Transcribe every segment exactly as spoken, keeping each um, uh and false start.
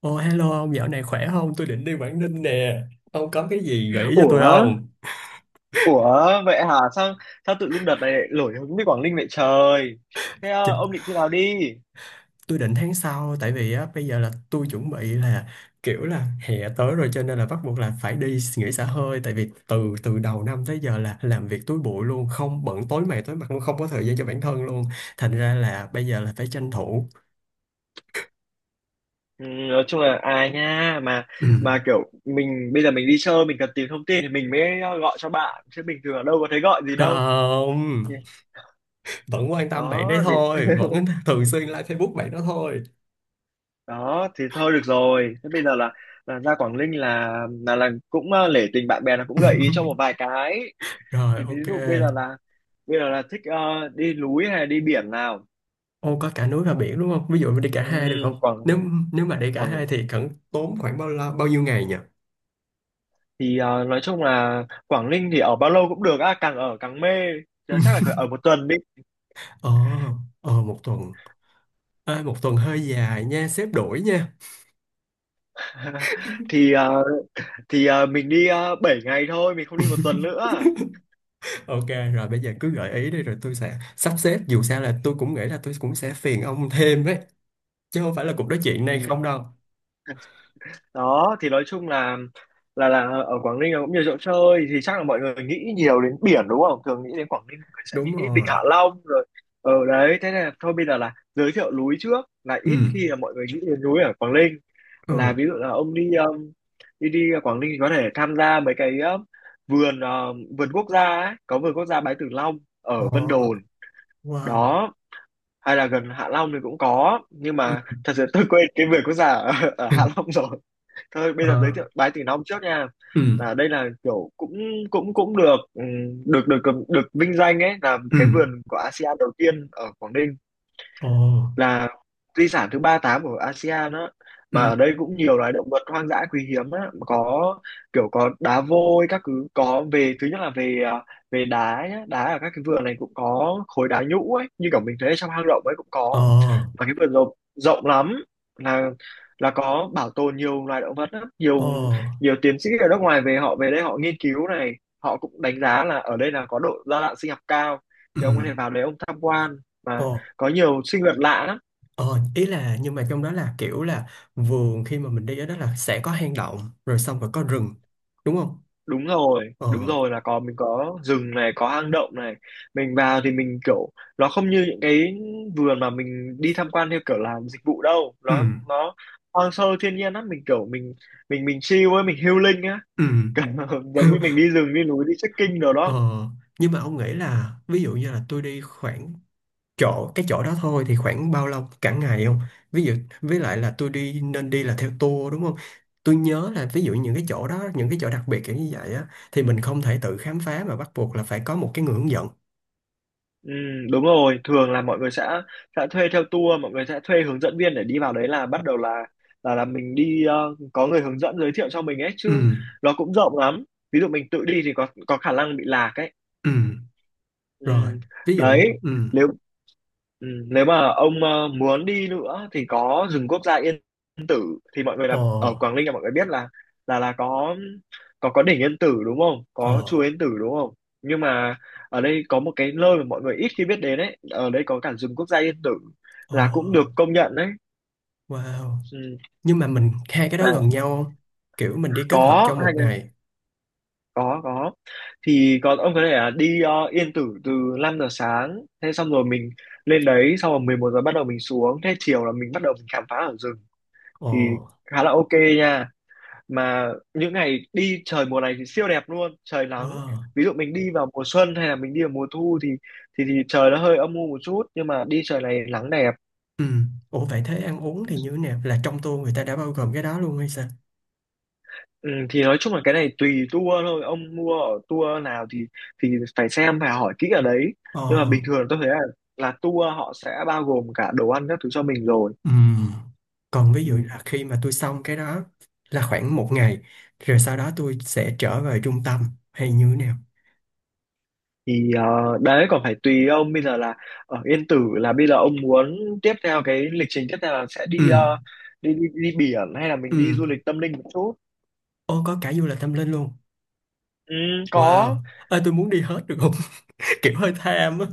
Ồ hello ông dạo này khỏe không? Tôi định đi Quảng Ninh nè. Ông có cái gì gợi ý cho tôi Ủa, không? ủa vậy hả? Sao sao tự dưng đợt này lại nổi hứng với Quảng Ninh vậy trời? Thế Chị- ờ, ông định khi nào đi? Tôi định tháng sau tại vì á bây giờ là tôi chuẩn bị là kiểu là hè tới rồi cho nên là bắt buộc là phải đi nghỉ xả hơi tại vì từ từ đầu năm tới giờ là làm việc túi bụi luôn, không bận tối mày tối mặt luôn, không có thời gian cho bản thân luôn. Thành ra là bây giờ là phải tranh thủ. Ừ, nói chung là à nha mà Ừ. mà kiểu mình bây giờ mình đi chơi mình cần tìm thông tin thì mình mới ờ, gọi cho bạn, chứ bình thường ở đâu có thấy gọi gì đâu. Không, Thì- vẫn quan tâm bạn Đó đấy thì thôi, vẫn thường xuyên like Facebook bạn đó thôi. Đó thì thôi được rồi. Thế bây giờ là là ra Quảng Ninh là là là cũng ờ, nể tình bạn bè, là cũng gợi ý cho một vài cái. Rồi Thì ví ok. dụ bây giờ là bây giờ là thích ờ, đi núi hay là đi biển nào? Ô có cả núi và biển đúng không? Ví dụ mình đi cả Ừ, hai được không? Nếu Quảng nếu mà đi cả Quảng hai thì cần tốn khoảng bao lâu, bao nhiêu ngày nhỉ? thì à, nói chung là Quảng Ninh thì ở bao lâu cũng được á, càng ở càng mê. Chứ chắc là phải ở một tuần đi. Ờ, ờ một tuần. À, một tuần hơi dài nha, xếp đổi nha. Thì à, thì à, mình đi uh, bảy ngày thôi, mình không đi một tuần nữa. Ok, rồi bây giờ cứ gợi ý đi rồi tôi sẽ sắp xếp. Dù sao là tôi cũng nghĩ là tôi cũng sẽ phiền ông thêm đấy. Chứ không phải là cuộc nói chuyện này không đâu. Đó thì nói chung là là là ở Quảng Ninh cũng nhiều chỗ chơi, thì chắc là mọi người nghĩ nhiều đến biển đúng không, thường nghĩ đến Quảng Ninh mọi người sẽ Đúng nghĩ Vịnh rồi. Hạ Long rồi ở đấy, thế nên là thôi bây giờ là giới thiệu núi trước, là Ừ. ít khi là mọi người nghĩ đến núi ở Quảng Ninh, là Ừ. ví dụ là ông đi um, đi đi Quảng Ninh thì có thể tham gia mấy cái um, vườn um, vườn quốc gia ấy. Có vườn quốc gia Bái Tử Long Ờ, ở Vân Đồn wow. đó, hay là gần Hạ Long thì cũng có, nhưng Ừ. mà thật sự tôi quên cái vườn quốc gia ở, ở Hạ Long rồi. Thôi bây giờ giới Ờ. thiệu Bái Từ Long trước nha. Ừ. Là đây là kiểu cũng cũng cũng được ừ, được được được vinh danh ấy, là Ừ. cái vườn của a sê an đầu tiên ở Quảng Ninh, Ờ. là di sản thứ ba tám của a sê an đó. Mà Ừ. ở đây cũng nhiều loài động vật hoang dã quý hiếm á, có kiểu có đá vôi các thứ, có về thứ nhất là về à, về đá nhá, đá ở các cái vườn này cũng có khối đá nhũ ấy, như kiểu mình thấy trong hang động ấy cũng Ờ. có. Và cái vườn rộng rộng lắm, là là có bảo tồn nhiều loài động vật lắm. Ờ. Nhiều nhiều tiến sĩ ở nước ngoài về, họ về đây họ nghiên cứu này, họ cũng đánh giá là ở đây là có độ đa dạng sinh học cao, Ừ. thì ông có thể vào đấy ông tham quan, mà Ờ. có nhiều sinh vật lạ lắm. Ờ, ý là nhưng mà trong đó là kiểu là vườn khi mà mình đi ở đó là sẽ có hang động rồi xong rồi có rừng đúng không? Đúng rồi, Ờ, đúng rồi, là có, mình có rừng này, có hang động này, mình vào thì mình kiểu, nó không như những cái vườn mà mình đi tham quan theo kiểu làm dịch vụ đâu, ừ, nó nó hoang sơ thiên nhiên lắm, mình kiểu mình, mình mình chill ấy, mình healing á. ừ. Giống như mình đi rừng, đi núi, đi trekking đồ Ờ, đó. nhưng mà ông nghĩ là ví dụ như là tôi đi khoảng chỗ cái chỗ đó thôi thì khoảng bao lâu cả ngày không? Ví dụ với lại là tôi đi nên đi là theo tour đúng không? Tôi nhớ là ví dụ những cái chỗ đó những cái chỗ đặc biệt kiểu như vậy á thì mình không thể tự khám phá mà bắt buộc là phải có một cái người hướng dẫn. Ừ, đúng rồi, thường là mọi người sẽ sẽ thuê theo tour, mọi người sẽ thuê hướng dẫn viên để đi vào đấy, là bắt đầu là, là là mình đi ờ, có người hướng dẫn giới thiệu cho mình ấy chứ, Ừ, nó cũng rộng lắm, ví dụ mình tự đi thì có có khả năng bị lạc ấy. ừ. Ừ. Rồi, ví dụ như Đấy, ừ. nếu Ừ, nếu mà ông ờ, muốn đi nữa thì có rừng quốc gia Yên Tử, thì mọi người Ờ, là ở Quảng Ninh là mọi người biết là, là là có có có đỉnh Yên Tử đúng không? Có chùa ờ. Yên Tử đúng không? Nhưng mà ở đây có một cái nơi mà mọi người ít khi biết đến ấy, ở đây có cả rừng quốc gia Yên Tử, Ồ, là cũng được công nhận đấy. wow. Ừ. Nhưng mà mình hai cái đó À, gần nhau không? Kiểu mình đi kết hợp có trong hai một là- ngày. có có thì có, ông có thể là đi ờ, Yên Tử từ năm giờ sáng, thế xong rồi mình lên đấy, xong rồi mười một giờ bắt đầu mình xuống, thế chiều là mình bắt đầu mình khám phá ở rừng, Ồ, thì khá là ok nha. Mà những ngày đi trời mùa này thì siêu đẹp luôn, trời nắng. wow. Ví dụ mình đi vào mùa xuân hay là mình đi vào mùa thu thì, thì thì trời nó hơi âm u một chút, nhưng mà đi trời này nắng đẹp. Ừ. Ủa vậy thế ăn uống thì như thế nào? Là trong tour người ta đã bao gồm cái đó luôn hay sao? Ừ, thì nói chung là cái này tùy tour thôi, ông mua ở tour nào thì thì phải xem phải hỏi kỹ ở đấy, Ồ, nhưng mà bình thường tôi thấy là là tour họ sẽ bao gồm cả đồ ăn các thứ cho mình rồi. ừ. Còn ví Ừ. dụ là khi mà tôi xong cái đó là khoảng một ngày, rồi sau đó tôi sẽ trở về trung tâm hay như thế nào? Thì ờ, đấy còn phải tùy ông, bây giờ là ở Yên Tử là bây giờ ông muốn tiếp theo, cái lịch trình tiếp theo là sẽ Ừ, đi ờ, đi, đi đi biển hay là ừ. mình đi du lịch tâm linh một chút. Ồ, có cả du lịch tâm linh luôn. Ừ, có. Wow. Ơi, tôi muốn đi hết được không? Kiểu hơi tham á.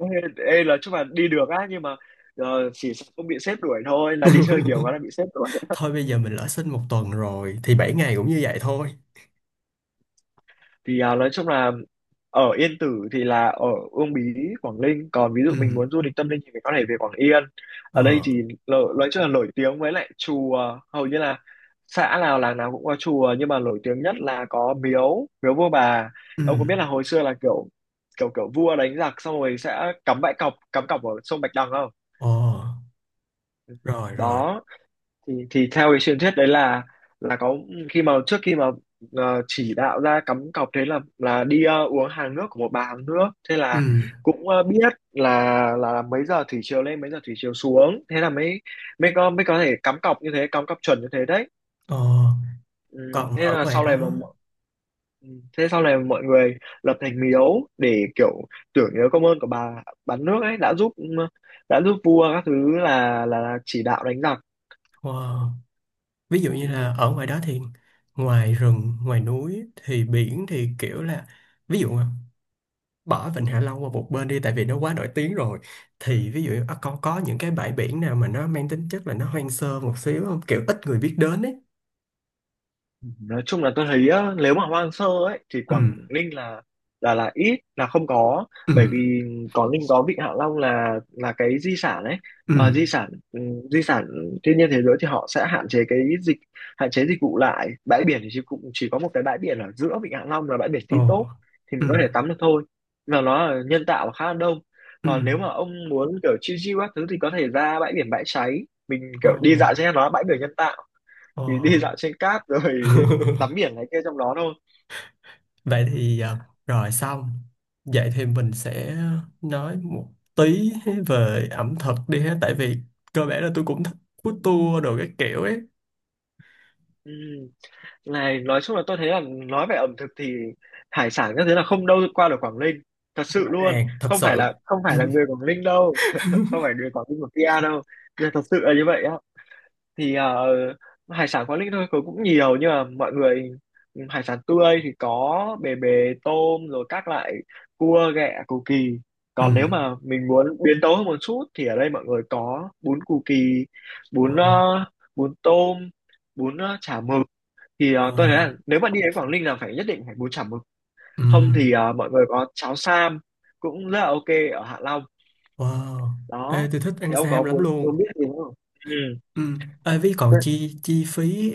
Ê, ê, là chúc bạn đi được á, nhưng mà ờ, chỉ sợ không bị sếp đuổi thôi, là đi chơi nhiều quá là bị sếp đuổi. Thôi bây giờ mình lỡ sinh một tuần rồi thì bảy ngày cũng như vậy thôi. Thì à, nói chung là ở Yên Tử thì là ở Uông Bí, Quảng Ninh. Còn ví Ừ. dụ mình muốn du lịch tâm linh thì mình có thể về Quảng Yên. Ở đây Ờ. thì lợ- nói chung là nổi tiếng với lại chùa, hầu như là xã nào làng nào cũng có chùa, nhưng mà nổi tiếng nhất là có miếu, miếu vua bà. Ừ. Ông có biết là hồi xưa là kiểu kiểu kiểu vua đánh giặc xong rồi sẽ cắm bãi cọc, cắm cọc ở sông Bạch Đằng không? Ờ. Rồi, rồi. Đó thì thì theo cái truyền thuyết đấy là, là có, khi mà trước khi mà ờ, chỉ đạo ra cắm cọc, thế là là đi ờ, uống hàng nước của một bà hàng nước, thế Ừ. là cũng ờ, biết là là mấy giờ thủy triều lên, mấy giờ thủy triều xuống, thế là mới mới có mới có thể cắm cọc như thế, cắm cọc chuẩn như thế đấy. Ờ. ừ, Còn thế ở là ngoài sau này mà đó. mọi- ừ, thế sau này mọi người lập thành miếu để kiểu tưởng nhớ công ơn của bà bán nước ấy, đã giúp ừ, đã giúp vua các thứ, là là, là chỉ đạo đánh giặc. Wow. Ví dụ như Ừ. là ở ngoài đó thì ngoài rừng ngoài núi thì biển thì kiểu là, ví dụ bỏ Vịnh Hạ Long qua một bên đi tại vì nó quá nổi tiếng rồi, thì ví dụ à, con có những cái bãi biển nào mà nó mang tính chất là nó hoang sơ một xíu không, kiểu ít người biết đến ấy. Nói chung là tôi thấy á, nếu mà hoang sơ ấy thì Ừ. Quảng Ninh là, là là ít, là không có, Ừ. bởi vì Quảng Ninh có Vịnh Hạ Long là, là cái di sản ấy, Ừ. mà di sản ừ, di sản thiên nhiên thế giới, thì họ sẽ hạn chế cái dịch hạn chế dịch vụ lại. Bãi biển thì chỉ, cũng chỉ có một cái bãi biển ở giữa Vịnh Hạ Long là bãi biển Tí Ồ. Tốp, thì Ừ. mình có thể tắm được thôi, và nó là nhân tạo và khá là đông. Ừ. Còn nếu mà ông muốn kiểu chill chill các thứ thì có thể ra bãi biển Bãi Cháy, mình Ồ, kiểu đi dạo trên, nó là bãi biển nhân tạo, ồ. thì đi dạo trên cát rồi tắm biển này kia trong đó thôi. Vậy thì à, rồi xong. Vậy thì mình sẽ nói một tí về ẩm thực đi ha. Tại vì cơ bản là tôi cũng thích food tour đồ cái kiểu ấy. Ừ. Này, nói chung là tôi thấy là nói về ẩm thực thì hải sản các thứ là không đâu qua được Quảng Ninh, thật sự Rõ luôn. ràng, thật không phải sự. là không phải là người Quảng Ninh đâu không phải người Quảng Ninh của kia đâu, nhưng mà thật sự là như vậy á. Thì ờ, hải sản quán Linh thôi có cũng nhiều, nhưng mà mọi người ừ, hải sản tươi thì có bề bề, tôm, rồi các loại cua, ghẹ, cù kỳ. Ừ. Còn nếu mà mình muốn biến tấu hơn một chút thì ở đây mọi người có bún cù kỳ, bún Wow. ờ, bún tôm, bún ờ, chả mực. Thì ờ, tôi thấy là Wow. nếu mà đi đến Quảng Ninh là phải, nhất định phải bún chả mực. Ừ. Không thì ờ, mọi người có cháo sam, cũng rất là ok ở Hạ Long Wow. Ê, đó. tôi thích Thì ăn ông có sam lắm muốn luôn. muốn biết gì nữa không? Ừ. Ê, Ví còn Ừ. chi chi phí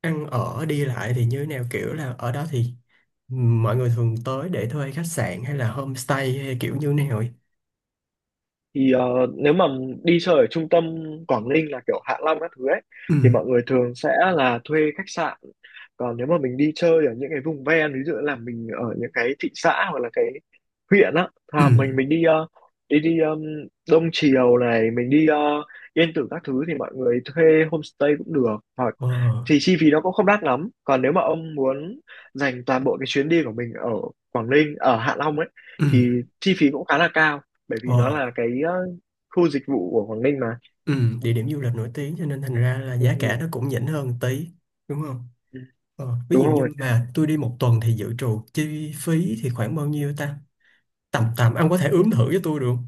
ăn ở đi lại thì như thế nào, kiểu là ở đó thì mọi người thường tới để thuê khách sạn hay là homestay hay kiểu như thế nào ấy. Thì ờ, nếu mà đi chơi ở trung tâm Quảng Ninh là kiểu Hạ Long các thứ ấy Ừ. thì mọi người thường sẽ là thuê khách sạn. Còn nếu mà mình đi chơi ở những cái vùng ven, ví dụ là mình ở những cái thị xã hoặc là cái huyện á, Ừ. à, mình mình đi ờ, đi đi um, Đông Triều này, mình đi ờ, Yên Tử các thứ thì mọi người thuê homestay cũng được, hoặc Ờ. thì chi phí nó cũng không đắt lắm. Còn nếu mà ông muốn dành toàn bộ cái chuyến đi của mình ở Quảng Ninh, ở Hạ Long ấy, Ừ. thì chi phí cũng khá là cao, bởi vì nó Ờ. là cái ờ, khu dịch vụ của Quảng Ninh mà. Ừ. Địa điểm du lịch nổi tiếng cho nên thành ra là giá cả Ừ, nó cũng nhỉnh hơn tí đúng không? ừ, Ờ. Ví đúng dụ như rồi. mà tôi đi một tuần thì dự trù chi phí thì khoảng bao nhiêu ta? Tầm tầm ông có thể Ừ. ướm thử cho tôi được không?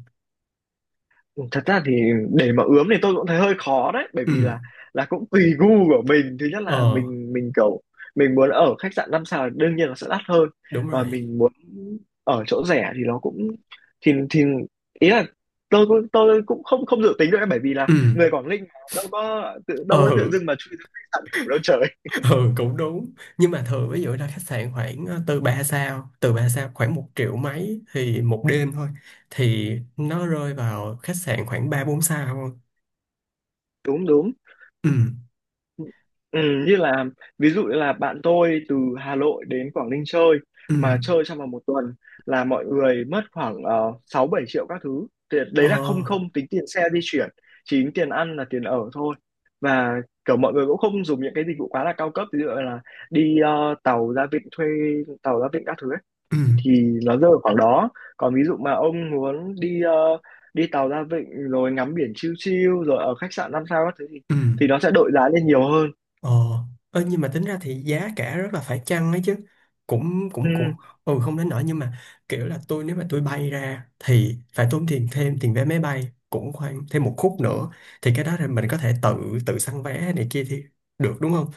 Thật ra thì để mà ướm thì tôi cũng thấy hơi khó đấy, bởi Ừ. vì là là cũng tùy gu của mình. Thứ nhất Ờ. là mình mình kiểu mình muốn ở khách sạn năm sao thì đương nhiên nó sẽ đắt hơn, Đúng còn rồi. mình muốn ở chỗ rẻ thì nó cũng thì thì ý là tôi cũng tôi cũng không không dự tính được ấy, bởi vì là Ừ. người Quảng Ninh mà, đâu có tự đâu có tự Ừ. dưng mà chui ra khách sạn ngủ đâu trời. Ừ cũng đúng nhưng mà thường ví dụ ra khách sạn khoảng ờ, từ ba sao từ ba sao khoảng một triệu mấy thì một đêm thôi, thì nó rơi vào khách sạn khoảng ba bốn sao thôi. Đúng đúng. Ừ. Ừ, như là ví dụ như là bạn tôi từ Hà Nội đến Quảng Ninh chơi Ừ. mà chơi trong vòng một tuần là mọi người mất khoảng uh, sáu bảy triệu các thứ. Thì Ờ. đấy là không không tính tiền xe di chuyển, chỉ tính tiền ăn là tiền ở thôi. Và kiểu mọi người cũng không dùng những cái dịch vụ quá là cao cấp, ví dụ là đi ờ, tàu ra vịnh, thuê tàu ra vịnh các thứ ấy, Ừ. thì nó rơi vào khoảng đó. Còn ví dụ mà ông muốn đi ờ, đi tàu ra vịnh rồi ngắm biển chill chill rồi ở khách sạn năm sao các thứ thì Ừ. thì nó sẽ đội giá lên nhiều hơn. Ờ, ơ, nhưng mà tính ra thì giá cả rất là phải chăng ấy chứ, cũng Ừ, cũng cũng ừ không đến nỗi nhưng mà kiểu là tôi nếu mà tôi bay ra thì phải tốn tiền thêm tiền vé máy bay cũng khoảng thêm một khúc nữa, thì cái đó là mình có thể tự tự săn vé này kia thì được đúng không?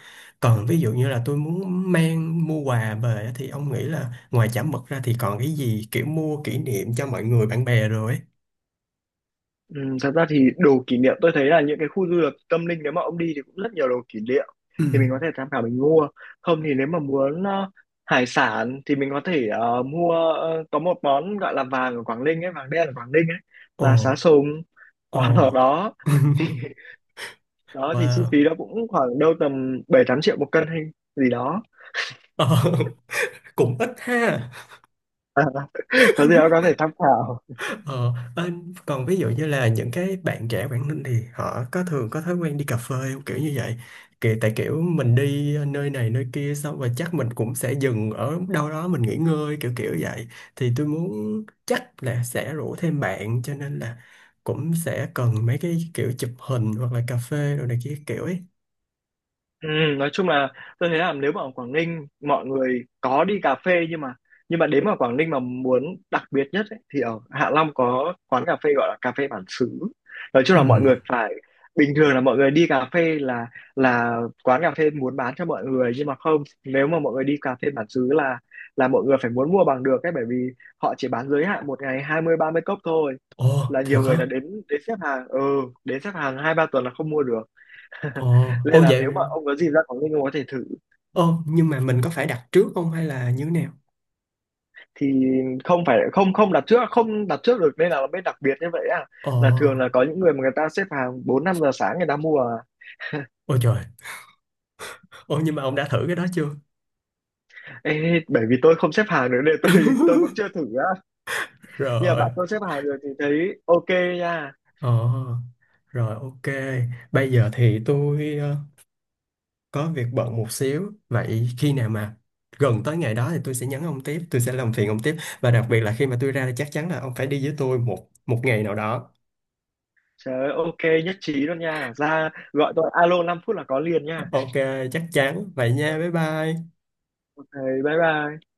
Còn ví dụ như là tôi muốn mang mua quà về á, thì ông nghĩ là ngoài chả mực ra thì còn cái gì kiểu mua kỷ niệm cho mọi người bạn bè rồi ấy. ừ, thật ra thì đồ kỷ niệm tôi thấy là những cái khu du lịch tâm linh, nếu mà ông đi thì cũng rất nhiều đồ kỷ niệm, Ừ. thì mình có thể tham khảo mình mua. Không thì nếu mà muốn ờ, hải sản thì mình có thể ờ, mua ờ, có một món gọi là vàng ở Quảng Ninh ấy, vàng đen ở Quảng Ninh ấy, Ồ. là sá sùng Ồ. ở đó. Thì, đó thì chi Wow. phí đó cũng khoảng đâu tầm bảy tám triệu một cân hay gì đó, Ờ, cũng ít ha. có gì đó có thể tham khảo. Ờ, anh còn ví dụ như là những cái bạn trẻ Quảng Ninh thì họ có thường có thói quen đi cà phê không? Kiểu như vậy, kiểu tại kiểu mình đi nơi này nơi kia xong rồi chắc mình cũng sẽ dừng ở đâu đó mình nghỉ ngơi kiểu kiểu vậy, thì tôi muốn chắc là sẽ rủ thêm bạn cho nên là cũng sẽ cần mấy cái kiểu chụp hình hoặc là cà phê rồi này kia kiểu ấy. Ừ, nói chung là tôi thấy là nếu mà ở Quảng Ninh mọi người có đi cà phê, nhưng mà nhưng mà đến mà Quảng Ninh mà muốn đặc biệt nhất ấy, thì ở Hạ Long có quán cà phê gọi là cà phê bản xứ. Nói chung Ừ. là mọi người phải, bình thường là mọi người đi cà phê là là quán cà phê muốn bán cho mọi người, nhưng mà không, nếu mà mọi người đi cà phê bản xứ là là mọi người phải muốn mua bằng được ấy, bởi vì họ chỉ bán giới hạn một ngày hai mươi ba mươi cốc thôi, Ồ là thiệt nhiều người hả? đã đến đến xếp hàng, ừ đến xếp hàng hai ba tuần là không mua được. Ồ ô Nên là vậy. nếu mà ông có dịp ra Quảng Ninh ông có thể thử. Ồ nhưng mà mình có phải đặt trước không hay là như thế nào? Thì không phải, không không đặt trước, không đặt trước được nên là nó mới đặc biệt như vậy à, Ồ là thường là có những người mà người ta xếp hàng bốn năm giờ sáng người ta mua à. ôi trời. Ồ nhưng mà ông đã thử cái đó chưa? Ê, bởi vì tôi không xếp hàng được nên tôi tôi cũng chưa thử á, nhưng mà Rồi, bạn tôi xếp hàng được thì thấy ok nha. ờ, rồi ok. Bây giờ thì tôi ờ, có việc bận một xíu. Vậy khi nào mà gần tới ngày đó thì tôi sẽ nhắn ông tiếp, tôi sẽ làm phiền ông tiếp. Và đặc biệt là khi mà tôi ra thì chắc chắn là ông phải đi với tôi một một ngày nào đó. Trời ơi, ok, nhất trí luôn nha, ra gọi tôi alo năm phút là có liền nha. Ok, chắc chắn. Vậy nha, bye bye. Ok, bye bye.